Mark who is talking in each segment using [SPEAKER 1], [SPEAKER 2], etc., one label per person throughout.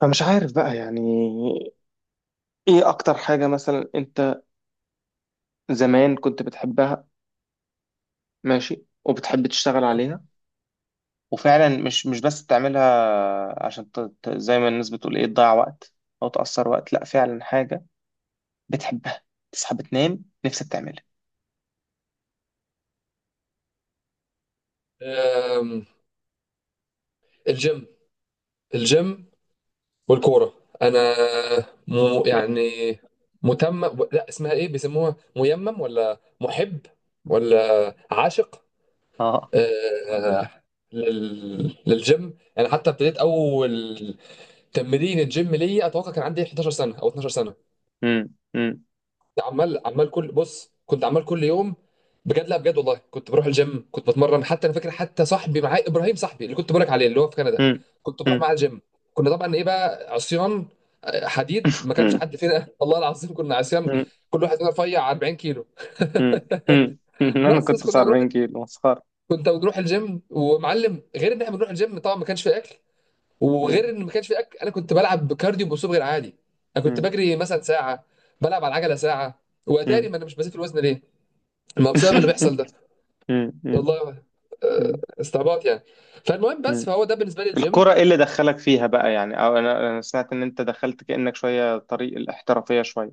[SPEAKER 1] فمش عارف بقى يعني. ايه اكتر حاجة مثلا انت زمان كنت بتحبها؟ ماشي، وبتحب تشتغل عليها، وفعلا مش بس تعملها عشان زي ما الناس بتقول ايه تضيع وقت او تأثر وقت، لا فعلا حاجة بتحبها، تصحى بتنام نفسك تعملها.
[SPEAKER 2] أم، الجيم الجيم والكورة. أنا يعني متمم، لا، اسمها إيه، بيسموها ميمم ولا محب ولا عاشق.
[SPEAKER 1] اه.
[SPEAKER 2] أه، للجيم يعني. حتى ابتديت أول تمرين الجيم ليا أتوقع كان عندي 11 سنة أو 12 سنة.
[SPEAKER 1] امم. امم.
[SPEAKER 2] عمال عمال كل بص كنت عمال كل يوم بجد. لا، بجد والله كنت بروح الجيم، كنت بتمرن، حتى انا فاكر، حتى صاحبي معايا ابراهيم، صاحبي اللي كنت بقولك عليه اللي هو في كندا،
[SPEAKER 1] امم.
[SPEAKER 2] كنت بروح
[SPEAKER 1] امم.
[SPEAKER 2] معاه الجيم. كنا طبعا ايه بقى عصيان، حديد، ما كانش
[SPEAKER 1] امم.
[SPEAKER 2] حد فينا. والله العظيم كنا عصيان،
[SPEAKER 1] امم.
[SPEAKER 2] كل واحد فينا رفيع 40 كيلو.
[SPEAKER 1] امم. امم. امم. انا
[SPEAKER 2] بس
[SPEAKER 1] كنت
[SPEAKER 2] كنا بنروح
[SPEAKER 1] 40 كيلو مسخرة.
[SPEAKER 2] كنت بنروح الجيم ومعلم، غير ان احنا بنروح الجيم طبعا ما كانش في اكل، وغير
[SPEAKER 1] امم.
[SPEAKER 2] ان ما كانش في اكل انا كنت بلعب كارديو باسلوب غير عادي. انا كنت
[SPEAKER 1] امم.
[SPEAKER 2] بجري مثلا ساعه، بلعب على العجله ساعه. واتاري
[SPEAKER 1] امم.
[SPEAKER 2] ما انا مش بزيد في الوزن ليه، ما بسبب اللي بيحصل ده.
[SPEAKER 1] امم. امم.
[SPEAKER 2] والله
[SPEAKER 1] امم.
[SPEAKER 2] استعباط يعني. فالمهم بس فهو ده بالنسبه لي الجيم.
[SPEAKER 1] الكرة ايه اللي دخلك فيها بقى يعني؟ او أنا سمعت ان انت دخلت كأنك شوية طريق الاحترافية، شوية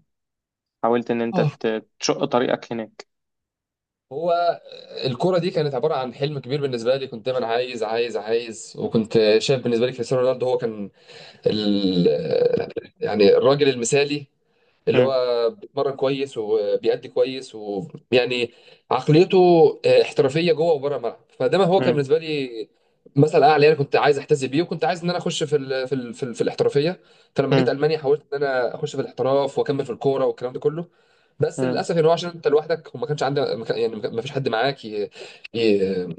[SPEAKER 1] حاولت ان انت
[SPEAKER 2] اه.
[SPEAKER 1] تشق طريقك هناك.
[SPEAKER 2] هو الكرة دي كانت عبارة عن حلم كبير بالنسبة لي، كنت دايما عايز عايز عايز، وكنت شايف بالنسبة لي كريستيانو رونالدو هو كان ال... آه، يعني الراجل المثالي، اللي
[SPEAKER 1] مم.
[SPEAKER 2] هو بيتمرن كويس وبيأدي كويس ويعني عقليته احترافيه جوه وبره الملعب. فده ما هو كان
[SPEAKER 1] مم.
[SPEAKER 2] بالنسبه لي مثل اعلى، انا كنت عايز احتذي بيه وكنت عايز ان انا اخش في الاحترافيه. فلما جيت
[SPEAKER 1] مم.
[SPEAKER 2] المانيا حاولت ان انا اخش في الاحتراف واكمل في الكوره والكلام ده كله. بس
[SPEAKER 1] مم.
[SPEAKER 2] للاسف ان هو، عشان انت لوحدك وما كانش عندك، ما كان- يعني ما فيش حد معاك ي-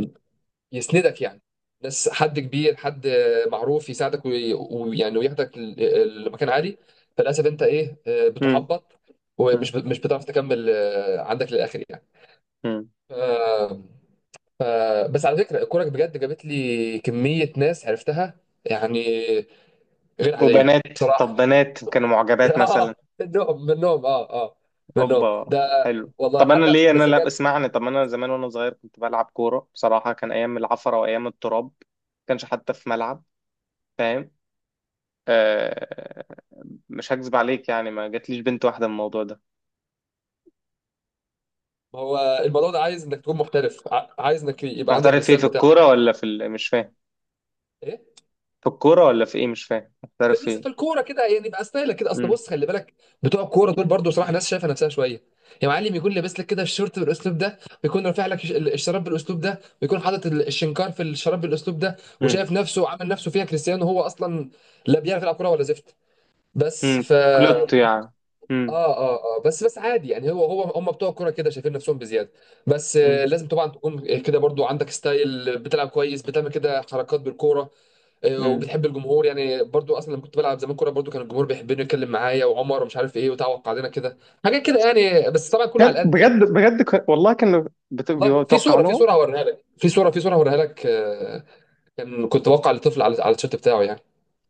[SPEAKER 2] يسندك يعني، ناس، حد كبير، حد معروف، يساعدك ويعني وياخدك لمكان عالي. فللاسف انت ايه،
[SPEAKER 1] مم.
[SPEAKER 2] بتحبط
[SPEAKER 1] مم.
[SPEAKER 2] مش بتعرف تكمل عندك للاخر يعني.
[SPEAKER 1] مم.
[SPEAKER 2] ف... ف... بس على فكره الكوره بجد جابت لي كميه ناس عرفتها يعني غير عاديه
[SPEAKER 1] وبنات؟ طب
[SPEAKER 2] بصراحه.
[SPEAKER 1] بنات كانوا معجبات مثلا؟
[SPEAKER 2] اه، منهم، منهم، اه، اه، منهم،
[SPEAKER 1] اوبا.
[SPEAKER 2] ده.
[SPEAKER 1] حلو.
[SPEAKER 2] والله
[SPEAKER 1] طب انا
[SPEAKER 2] حد،
[SPEAKER 1] ليه؟ انا
[SPEAKER 2] بس
[SPEAKER 1] لا
[SPEAKER 2] بجد.
[SPEAKER 1] اسمعني. طب انا زمان وانا صغير كنت بلعب كورة، بصراحة كان ايام العفرة وايام التراب، ما كانش حتى في ملعب، فاهم. آه. مش هكذب عليك يعني، ما جاتليش بنت واحدة من الموضوع ده.
[SPEAKER 2] ما هو الموضوع ده عايز انك تكون محترف، عايز انك يبقى عندك
[SPEAKER 1] هحترف فيه
[SPEAKER 2] الستايل
[SPEAKER 1] في
[SPEAKER 2] بتاعك.
[SPEAKER 1] الكورة ولا في مش فاهم.
[SPEAKER 2] ايه،
[SPEAKER 1] في الكورة ولا في ايه؟ مش فاهم
[SPEAKER 2] في
[SPEAKER 1] هحترف
[SPEAKER 2] لسه
[SPEAKER 1] فيه.
[SPEAKER 2] في الكوره كده يعني، يبقى ستايلك كده. اصل
[SPEAKER 1] مم.
[SPEAKER 2] بص، خلي بالك، بتوع الكوره دول برضو صراحه الناس شايفه نفسها شويه. يا معلم، يكون لابس لك كده الشورت بالاسلوب ده، ويكون رافع لك الشراب بالاسلوب ده، ويكون حاطط الشنكار في الشراب بالاسلوب ده،
[SPEAKER 1] مم.
[SPEAKER 2] وشايف نفسه وعامل نفسه فيها كريستيانو، وهو اصلا لا بيعرف يلعب كوره ولا زفت. بس
[SPEAKER 1] مم.
[SPEAKER 2] ف
[SPEAKER 1] كلوت يعني. مم.
[SPEAKER 2] اه اه اه بس بس عادي يعني. هو هو هم بتوع الكوره كده شايفين نفسهم بزياده. بس
[SPEAKER 1] مم.
[SPEAKER 2] لازم طبعا تكون كده برضو عندك ستايل، بتلعب كويس، بتعمل كده حركات بالكوره،
[SPEAKER 1] مم.
[SPEAKER 2] وبتحب الجمهور يعني. برضو اصلا لما كنت بلعب زمان كوره برضو كان الجمهور بيحبني، يتكلم معايا وعمر ومش عارف ايه، وتعوق علينا كده حاجات كده يعني، بس طبعا كله على
[SPEAKER 1] كان
[SPEAKER 2] قد يعني.
[SPEAKER 1] بجد بجد والله كانوا
[SPEAKER 2] والله في
[SPEAKER 1] بيتوقع
[SPEAKER 2] صوره،
[SPEAKER 1] لهم.
[SPEAKER 2] في صوره هوريها لك. كنت بوقع لطفل على التيشيرت بتاعه يعني.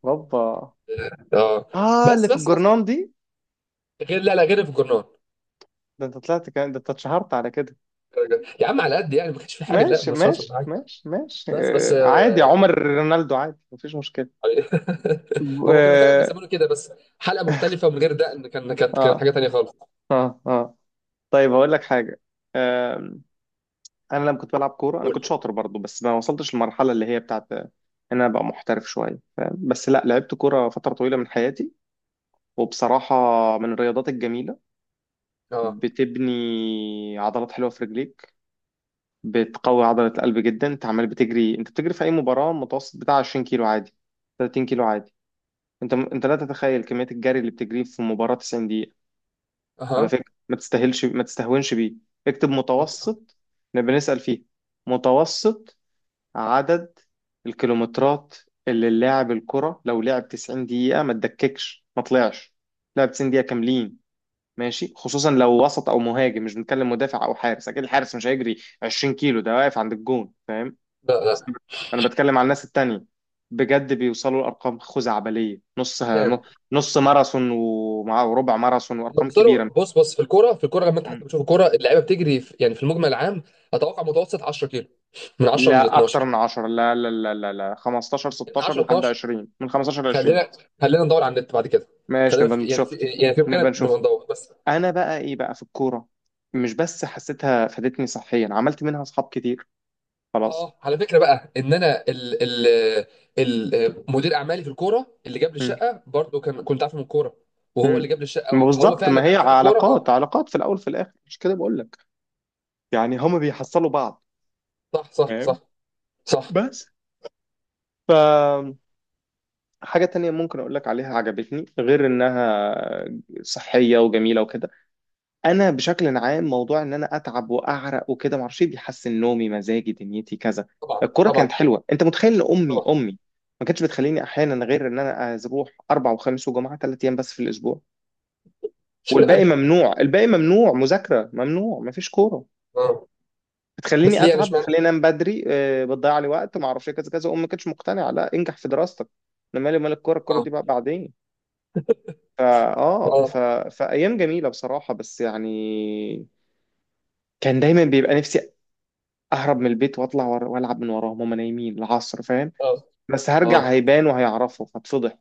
[SPEAKER 1] ربا.
[SPEAKER 2] اه،
[SPEAKER 1] اه، اللي
[SPEAKER 2] بس
[SPEAKER 1] في
[SPEAKER 2] بس بس
[SPEAKER 1] الجرنان دي.
[SPEAKER 2] غير، لا، لا، غير في الجرنان.
[SPEAKER 1] ده انت طلعت، كان ده انت اتشهرت على كده.
[SPEAKER 2] يا عم على قد يعني، ما كانش في حاجه، لا،
[SPEAKER 1] ماشي
[SPEAKER 2] ما شاءش
[SPEAKER 1] ماشي
[SPEAKER 2] حاجه.
[SPEAKER 1] ماشي ماشي
[SPEAKER 2] بس
[SPEAKER 1] آه عادي، عمر رونالدو عادي، مفيش مشكلة.
[SPEAKER 2] هما كانوا فعلا
[SPEAKER 1] اه
[SPEAKER 2] بيسمونه كده. بس حلقه مختلفه ومن غير دقن كانت
[SPEAKER 1] اه.
[SPEAKER 2] حاجه تانيه خالص.
[SPEAKER 1] اه، آه. طيب هقول لك حاجة، انا لما كنت بلعب كوره انا كنت
[SPEAKER 2] قول.
[SPEAKER 1] شاطر برضو، بس ما وصلتش للمرحله اللي هي بتاعت ان انا ابقى محترف شويه، بس لا لعبت كوره فتره طويله من حياتي، وبصراحه من الرياضات الجميله،
[SPEAKER 2] اه.
[SPEAKER 1] بتبني عضلات حلوه في رجليك، بتقوي عضله القلب جدا. انت عمال بتجري، انت بتجري في اي مباراه متوسط بتاع 20 كيلو عادي، 30 كيلو عادي. انت انت لا تتخيل كميه الجري اللي بتجريه في مباراه 90 دقيقه. على
[SPEAKER 2] اها.
[SPEAKER 1] فكره ما تستاهلش، ما تستهونش بيه. اكتب
[SPEAKER 2] أوكي.
[SPEAKER 1] متوسط، نبقى نسال فيه. متوسط عدد الكيلومترات اللي اللاعب الكرة لو لعب 90 دقيقة، ما تدككش ما طلعش، لعب 90 دقيقة كاملين، ماشي، خصوصا لو وسط او مهاجم، مش بنتكلم مدافع او حارس، اكيد الحارس مش هيجري 20 كيلو، ده واقف عند الجون، فاهم.
[SPEAKER 2] لا، لا.
[SPEAKER 1] انا بتكلم على الناس التانية، بجد بيوصلوا لارقام خزعبلية. نص
[SPEAKER 2] نعم.
[SPEAKER 1] نص ماراثون، ومع وربع ماراثون
[SPEAKER 2] هما
[SPEAKER 1] وارقام
[SPEAKER 2] بيصيروا،
[SPEAKER 1] كبيرة.
[SPEAKER 2] بص بص، في الكوره، لما انت
[SPEAKER 1] م.
[SPEAKER 2] حتى بتشوف الكوره اللعيبه بتجري في المجمل العام، اتوقع متوسط 10 كيلو، من 10 ل
[SPEAKER 1] لا اكتر
[SPEAKER 2] 12
[SPEAKER 1] من 10، لا لا لا لا لا، 15
[SPEAKER 2] من
[SPEAKER 1] 16
[SPEAKER 2] 10 ل
[SPEAKER 1] لحد
[SPEAKER 2] 12.
[SPEAKER 1] 20، من 15 ل 20.
[SPEAKER 2] خلينا خلينا ندور على النت بعد كده.
[SPEAKER 1] ماشي
[SPEAKER 2] خلينا
[SPEAKER 1] نبقى نشوف.
[SPEAKER 2] في
[SPEAKER 1] نبقى
[SPEAKER 2] امكانيه
[SPEAKER 1] نشوف.
[SPEAKER 2] نبقى ندور بس.
[SPEAKER 1] انا بقى ايه بقى في الكوره؟ مش بس حسيتها فادتني صحيا، عملت منها اصحاب كتير، خلاص.
[SPEAKER 2] اه، على فكره بقى، ان انا ال مدير اعمالي في الكوره اللي جاب لي
[SPEAKER 1] مم.
[SPEAKER 2] الشقه برضه، كنت عارفه من الكوره، وهو اللي
[SPEAKER 1] مم.
[SPEAKER 2] جاب لي
[SPEAKER 1] ما
[SPEAKER 2] الشقه، فهو
[SPEAKER 1] بالظبط، ما
[SPEAKER 2] فعلا
[SPEAKER 1] هي
[SPEAKER 2] علاقات الكوره،
[SPEAKER 1] علاقات،
[SPEAKER 2] اه.
[SPEAKER 1] علاقات في الاول في الاخر مش كده، بقول لك يعني، هما بيحصلوا بعض،
[SPEAKER 2] صح، صح،
[SPEAKER 1] فاهم.
[SPEAKER 2] صح، صح.
[SPEAKER 1] بس ف، حاجة تانية ممكن أقول لك عليها عجبتني، غير إنها صحية وجميلة وكده. انا بشكل عام موضوع ان انا اتعب واعرق وكده، ما اعرفش إيه، بيحسن نومي مزاجي دنيتي كذا.
[SPEAKER 2] طبعا،
[SPEAKER 1] الكوره كانت
[SPEAKER 2] طبعا،
[SPEAKER 1] حلوه، انت متخيل ان امي
[SPEAKER 2] طبعا.
[SPEAKER 1] امي ما كانتش بتخليني احيانا، غير ان انا اروح اربع وخميس وجمعه، ثلاث ايام بس في الاسبوع، والباقي
[SPEAKER 2] اشمعنى؟
[SPEAKER 1] ممنوع، الباقي ممنوع مذاكره، ممنوع ما فيش كوره،
[SPEAKER 2] اه. بس
[SPEAKER 1] بتخليني
[SPEAKER 2] ليه يعني؟
[SPEAKER 1] اتعب،
[SPEAKER 2] اشمعنى؟
[SPEAKER 1] بتخليني انام بدري آه، بتضيع لي وقت، ما اعرفش إيه، كذا كذا، امي ما كانتش مقتنعه، لا انجح في دراستك، انا مالي مال الكوره، الكوره
[SPEAKER 2] اه،
[SPEAKER 1] دي بقى بعدين. فا اه
[SPEAKER 2] اه،
[SPEAKER 1] فايام جميله بصراحه، بس يعني كان دايما بيبقى نفسي اهرب من البيت واطلع والعب من وراهم هما نايمين العصر، فاهم.
[SPEAKER 2] اه،
[SPEAKER 1] بس هرجع
[SPEAKER 2] اه،
[SPEAKER 1] هيبان وهيعرفوا فاتفضح،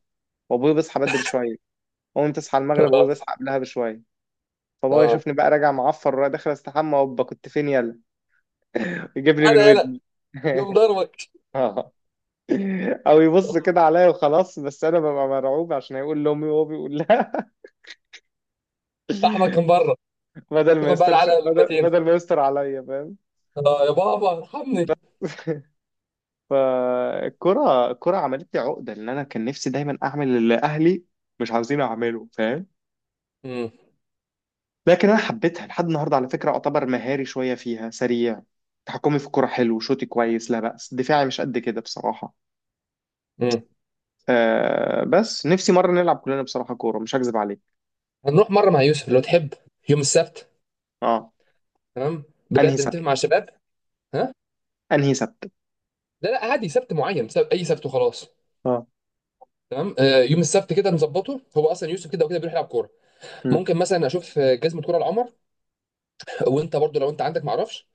[SPEAKER 1] وابويا بيصحى بدري شويه، امي تصحى المغرب وابويا
[SPEAKER 2] اه،
[SPEAKER 1] بيصحى قبلها بشويه، فبابا
[SPEAKER 2] اه.
[SPEAKER 1] يشوفني بقى راجع معفر ورايح داخل استحمى، وابا كنت فين يلا. يجيبني من
[SPEAKER 2] انا، يلا.
[SPEAKER 1] ودني.
[SPEAKER 2] يوم ضربك؟
[SPEAKER 1] اه. او يبص كده عليا وخلاص، بس انا ببقى مرعوب عشان هيقول لامي، وهو بيقول لها.
[SPEAKER 2] احمد كان بره.
[SPEAKER 1] بدل ما
[SPEAKER 2] تاخد بقى
[SPEAKER 1] يسترش،
[SPEAKER 2] العلقه
[SPEAKER 1] بدل
[SPEAKER 2] المتين.
[SPEAKER 1] بدل ما يستر عليا، فاهم.
[SPEAKER 2] اه، يا بابا
[SPEAKER 1] بس.
[SPEAKER 2] ارحمني.
[SPEAKER 1] فالكرة، الكرة عملت لي عقدة لأن أنا كان نفسي دايما أعمل اللي أهلي مش عاوزين أعمله، فاهم.
[SPEAKER 2] امم،
[SPEAKER 1] لكن أنا حبيتها لحد النهاردة، على فكرة أعتبر مهاري شوية فيها سريع، تحكمي في الكرة حلو، شوتي كويس لا بأس، دفاعي مش قد كده بصراحة.
[SPEAKER 2] امم.
[SPEAKER 1] آه بس نفسي مرة نلعب كلنا بصراحة كورة، مش هكذب عليك.
[SPEAKER 2] هنروح مره مع يوسف لو تحب، يوم السبت.
[SPEAKER 1] اه.
[SPEAKER 2] تمام،
[SPEAKER 1] أنهي
[SPEAKER 2] بجد
[SPEAKER 1] سبت؟
[SPEAKER 2] نتفق مع الشباب. ها.
[SPEAKER 1] أنهي سبت؟
[SPEAKER 2] لا، لا، عادي، سبت معين، سبت، اي سبت وخلاص.
[SPEAKER 1] اه.
[SPEAKER 2] تمام، يوم السبت كده نظبطه، هو اصلا يوسف كده وكده بيروح يلعب كوره.
[SPEAKER 1] مم.
[SPEAKER 2] ممكن مثلا اشوف جزمه كوره لعمر، وانت برضو لو انت عندك معرفش.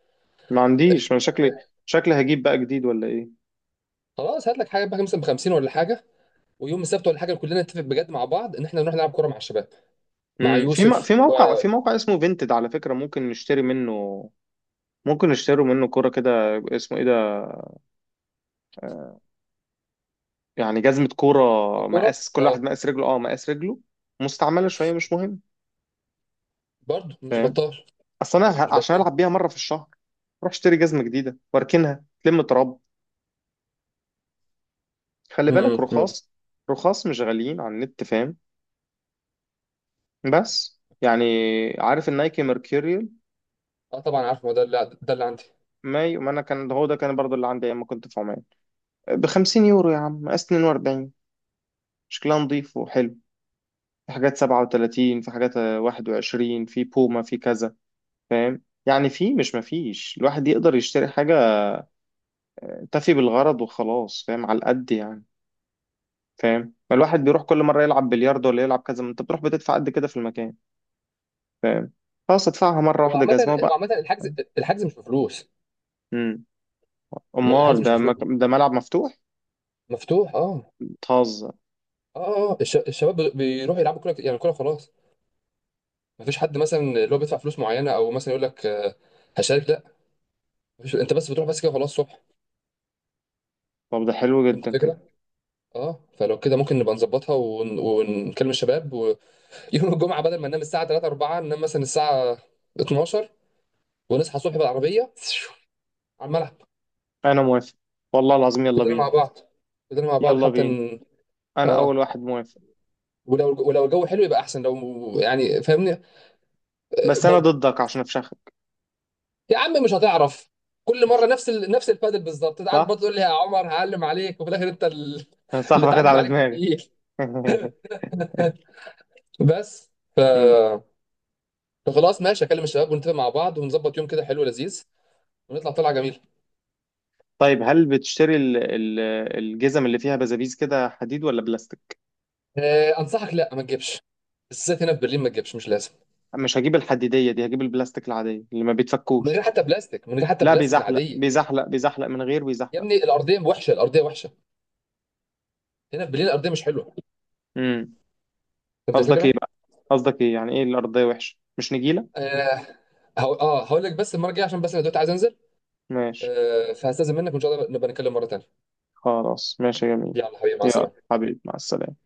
[SPEAKER 1] ما عنديش، أنا شكلي، شكلي هجيب بقى جديد ولا إيه؟
[SPEAKER 2] خلاص هات لك حاجه بقى مثلا ب 50 ولا حاجه، ويوم السبت ولا حاجه، كلنا نتفق بجد مع بعض ان احنا نروح نلعب كوره مع الشباب، مع
[SPEAKER 1] مم. في
[SPEAKER 2] يوسف.
[SPEAKER 1] في موقع، في موقع اسمه فينتد على فكرة، ممكن نشتري منه، ممكن يشتروا منه كوره كده، اسمه ايه ده، يعني جزمه كوره،
[SPEAKER 2] كرة كورة؟
[SPEAKER 1] مقاس كل واحد
[SPEAKER 2] اه.
[SPEAKER 1] مقاس رجله، اه مقاس رجله، مستعمله شويه مش مهم،
[SPEAKER 2] برضه مش
[SPEAKER 1] فاهم.
[SPEAKER 2] بطال،
[SPEAKER 1] اصل انا
[SPEAKER 2] مش
[SPEAKER 1] عشان
[SPEAKER 2] بطال.
[SPEAKER 1] العب بيها مره في الشهر، روح اشتري جزمه جديده واركنها تلم تراب. خلي بالك
[SPEAKER 2] امم.
[SPEAKER 1] رخاص، رخاص مش غاليين على النت، فاهم. بس يعني، عارف النايكي ميركوريال؟
[SPEAKER 2] اه، طبعا عارف، ما ده اللي عندي.
[SPEAKER 1] ما ما انا كان هو ده كان برضو اللي عندي ايام ما كنت في عمان، ب 50 يورو يا عم، مقاس 42، شكلها نظيف وحلو. في حاجات 37، في حاجات 21، في بوما، في كذا، فاهم يعني. في، مش مفيش، الواحد يقدر يشتري حاجة تفي بالغرض وخلاص، فاهم، على القد يعني، فاهم. ما الواحد بيروح كل مرة يلعب بلياردو، ولا يلعب كذا، ما انت بتروح بتدفع قد كده في المكان، فاهم، خلاص ادفعها مرة
[SPEAKER 2] هو
[SPEAKER 1] واحدة
[SPEAKER 2] عامة
[SPEAKER 1] جزمة
[SPEAKER 2] هو
[SPEAKER 1] بقى.
[SPEAKER 2] عامة الحجز الحجز مش بفلوس.
[SPEAKER 1] امم. امال
[SPEAKER 2] الحجز
[SPEAKER 1] ده
[SPEAKER 2] مش بفلوس،
[SPEAKER 1] ده ملعب مفتوح؟
[SPEAKER 2] مفتوح. اه.
[SPEAKER 1] بتهزر.
[SPEAKER 2] اه، اه، الشباب بيروحوا يلعبوا كورة كت- يعني كورة خلاص. مفيش حد مثلا اللي هو بيدفع فلوس معينة، او مثلا يقول لك هشارك، لا. مفيش، انت بس بتروح بس كده خلاص الصبح.
[SPEAKER 1] طب ده حلو
[SPEAKER 2] فهمت
[SPEAKER 1] جدا كده،
[SPEAKER 2] الفكرة؟ اه، فلو كده ممكن نبقى نظبطها ونكلم الشباب، ويوم الجمعة بدل ما ننام الساعة 3 4 ننام مثلا الساعة 12، ونصحى الصبح بالعربية على الملعب،
[SPEAKER 1] انا موافق، والله العظيم يلا
[SPEAKER 2] كلنا
[SPEAKER 1] بينا.
[SPEAKER 2] مع بعض كلنا مع بعض،
[SPEAKER 1] يلا
[SPEAKER 2] حتى
[SPEAKER 1] بينا انا
[SPEAKER 2] اه.
[SPEAKER 1] اول واحد موافق.
[SPEAKER 2] ولو الجو حلو يبقى احسن، لو يعني فاهمني،
[SPEAKER 1] بس انا
[SPEAKER 2] برضو.
[SPEAKER 1] ضدك عشان افشخك.
[SPEAKER 2] يا عم مش هتعرف، كل مره نفس البادل بالظبط، انت قاعد
[SPEAKER 1] صح.
[SPEAKER 2] برضه تقول لي يا عمر هعلم عليك، وفي الاخر انت
[SPEAKER 1] صح
[SPEAKER 2] اللي
[SPEAKER 1] واخد
[SPEAKER 2] اتعلم
[SPEAKER 1] على
[SPEAKER 2] عليك
[SPEAKER 1] دماغي.
[SPEAKER 2] بالتقيل. بس ف...
[SPEAKER 1] مم.
[SPEAKER 2] فخلاص ماشي اكلم الشباب ونتفق مع بعض ونظبط يوم كده حلو لذيذ ونطلع طلعه جميله.
[SPEAKER 1] طيب هل بتشتري الجزم اللي فيها بزابيز كده، حديد ولا بلاستيك؟
[SPEAKER 2] انصحك لا ما تجيبش، بالذات هنا في برلين ما تجيبش، مش لازم.
[SPEAKER 1] مش هجيب الحديدية دي، هجيب البلاستيك العادية اللي ما بيتفكوش.
[SPEAKER 2] من غير حتى
[SPEAKER 1] لا
[SPEAKER 2] بلاستيك
[SPEAKER 1] بيزحلق
[SPEAKER 2] العاديه.
[SPEAKER 1] بيزحلق بيزحلق من غير،
[SPEAKER 2] يا
[SPEAKER 1] بيزحلق.
[SPEAKER 2] ابني الارضيه وحشه، الارضيه وحشه، هنا في برلين الارضيه مش حلوه.
[SPEAKER 1] امم.
[SPEAKER 2] فهمت
[SPEAKER 1] قصدك ايه
[SPEAKER 2] الفكره؟
[SPEAKER 1] بقى؟ قصدك ايه؟ يعني ايه الأرضية وحشة مش نجيلة؟
[SPEAKER 2] آه هو، اه، هقول لك بس المره الجايه، عشان بس انا دلوقتي عايز انزل.
[SPEAKER 1] ماشي.
[SPEAKER 2] فهستاذن منك وان شاء الله نبقى نتكلم مره تانيه.
[SPEAKER 1] خلاص ماشي يا جميل.
[SPEAKER 2] يلا حبيبي، مع
[SPEAKER 1] يا
[SPEAKER 2] السلامه.
[SPEAKER 1] حبيبي مع السلامة.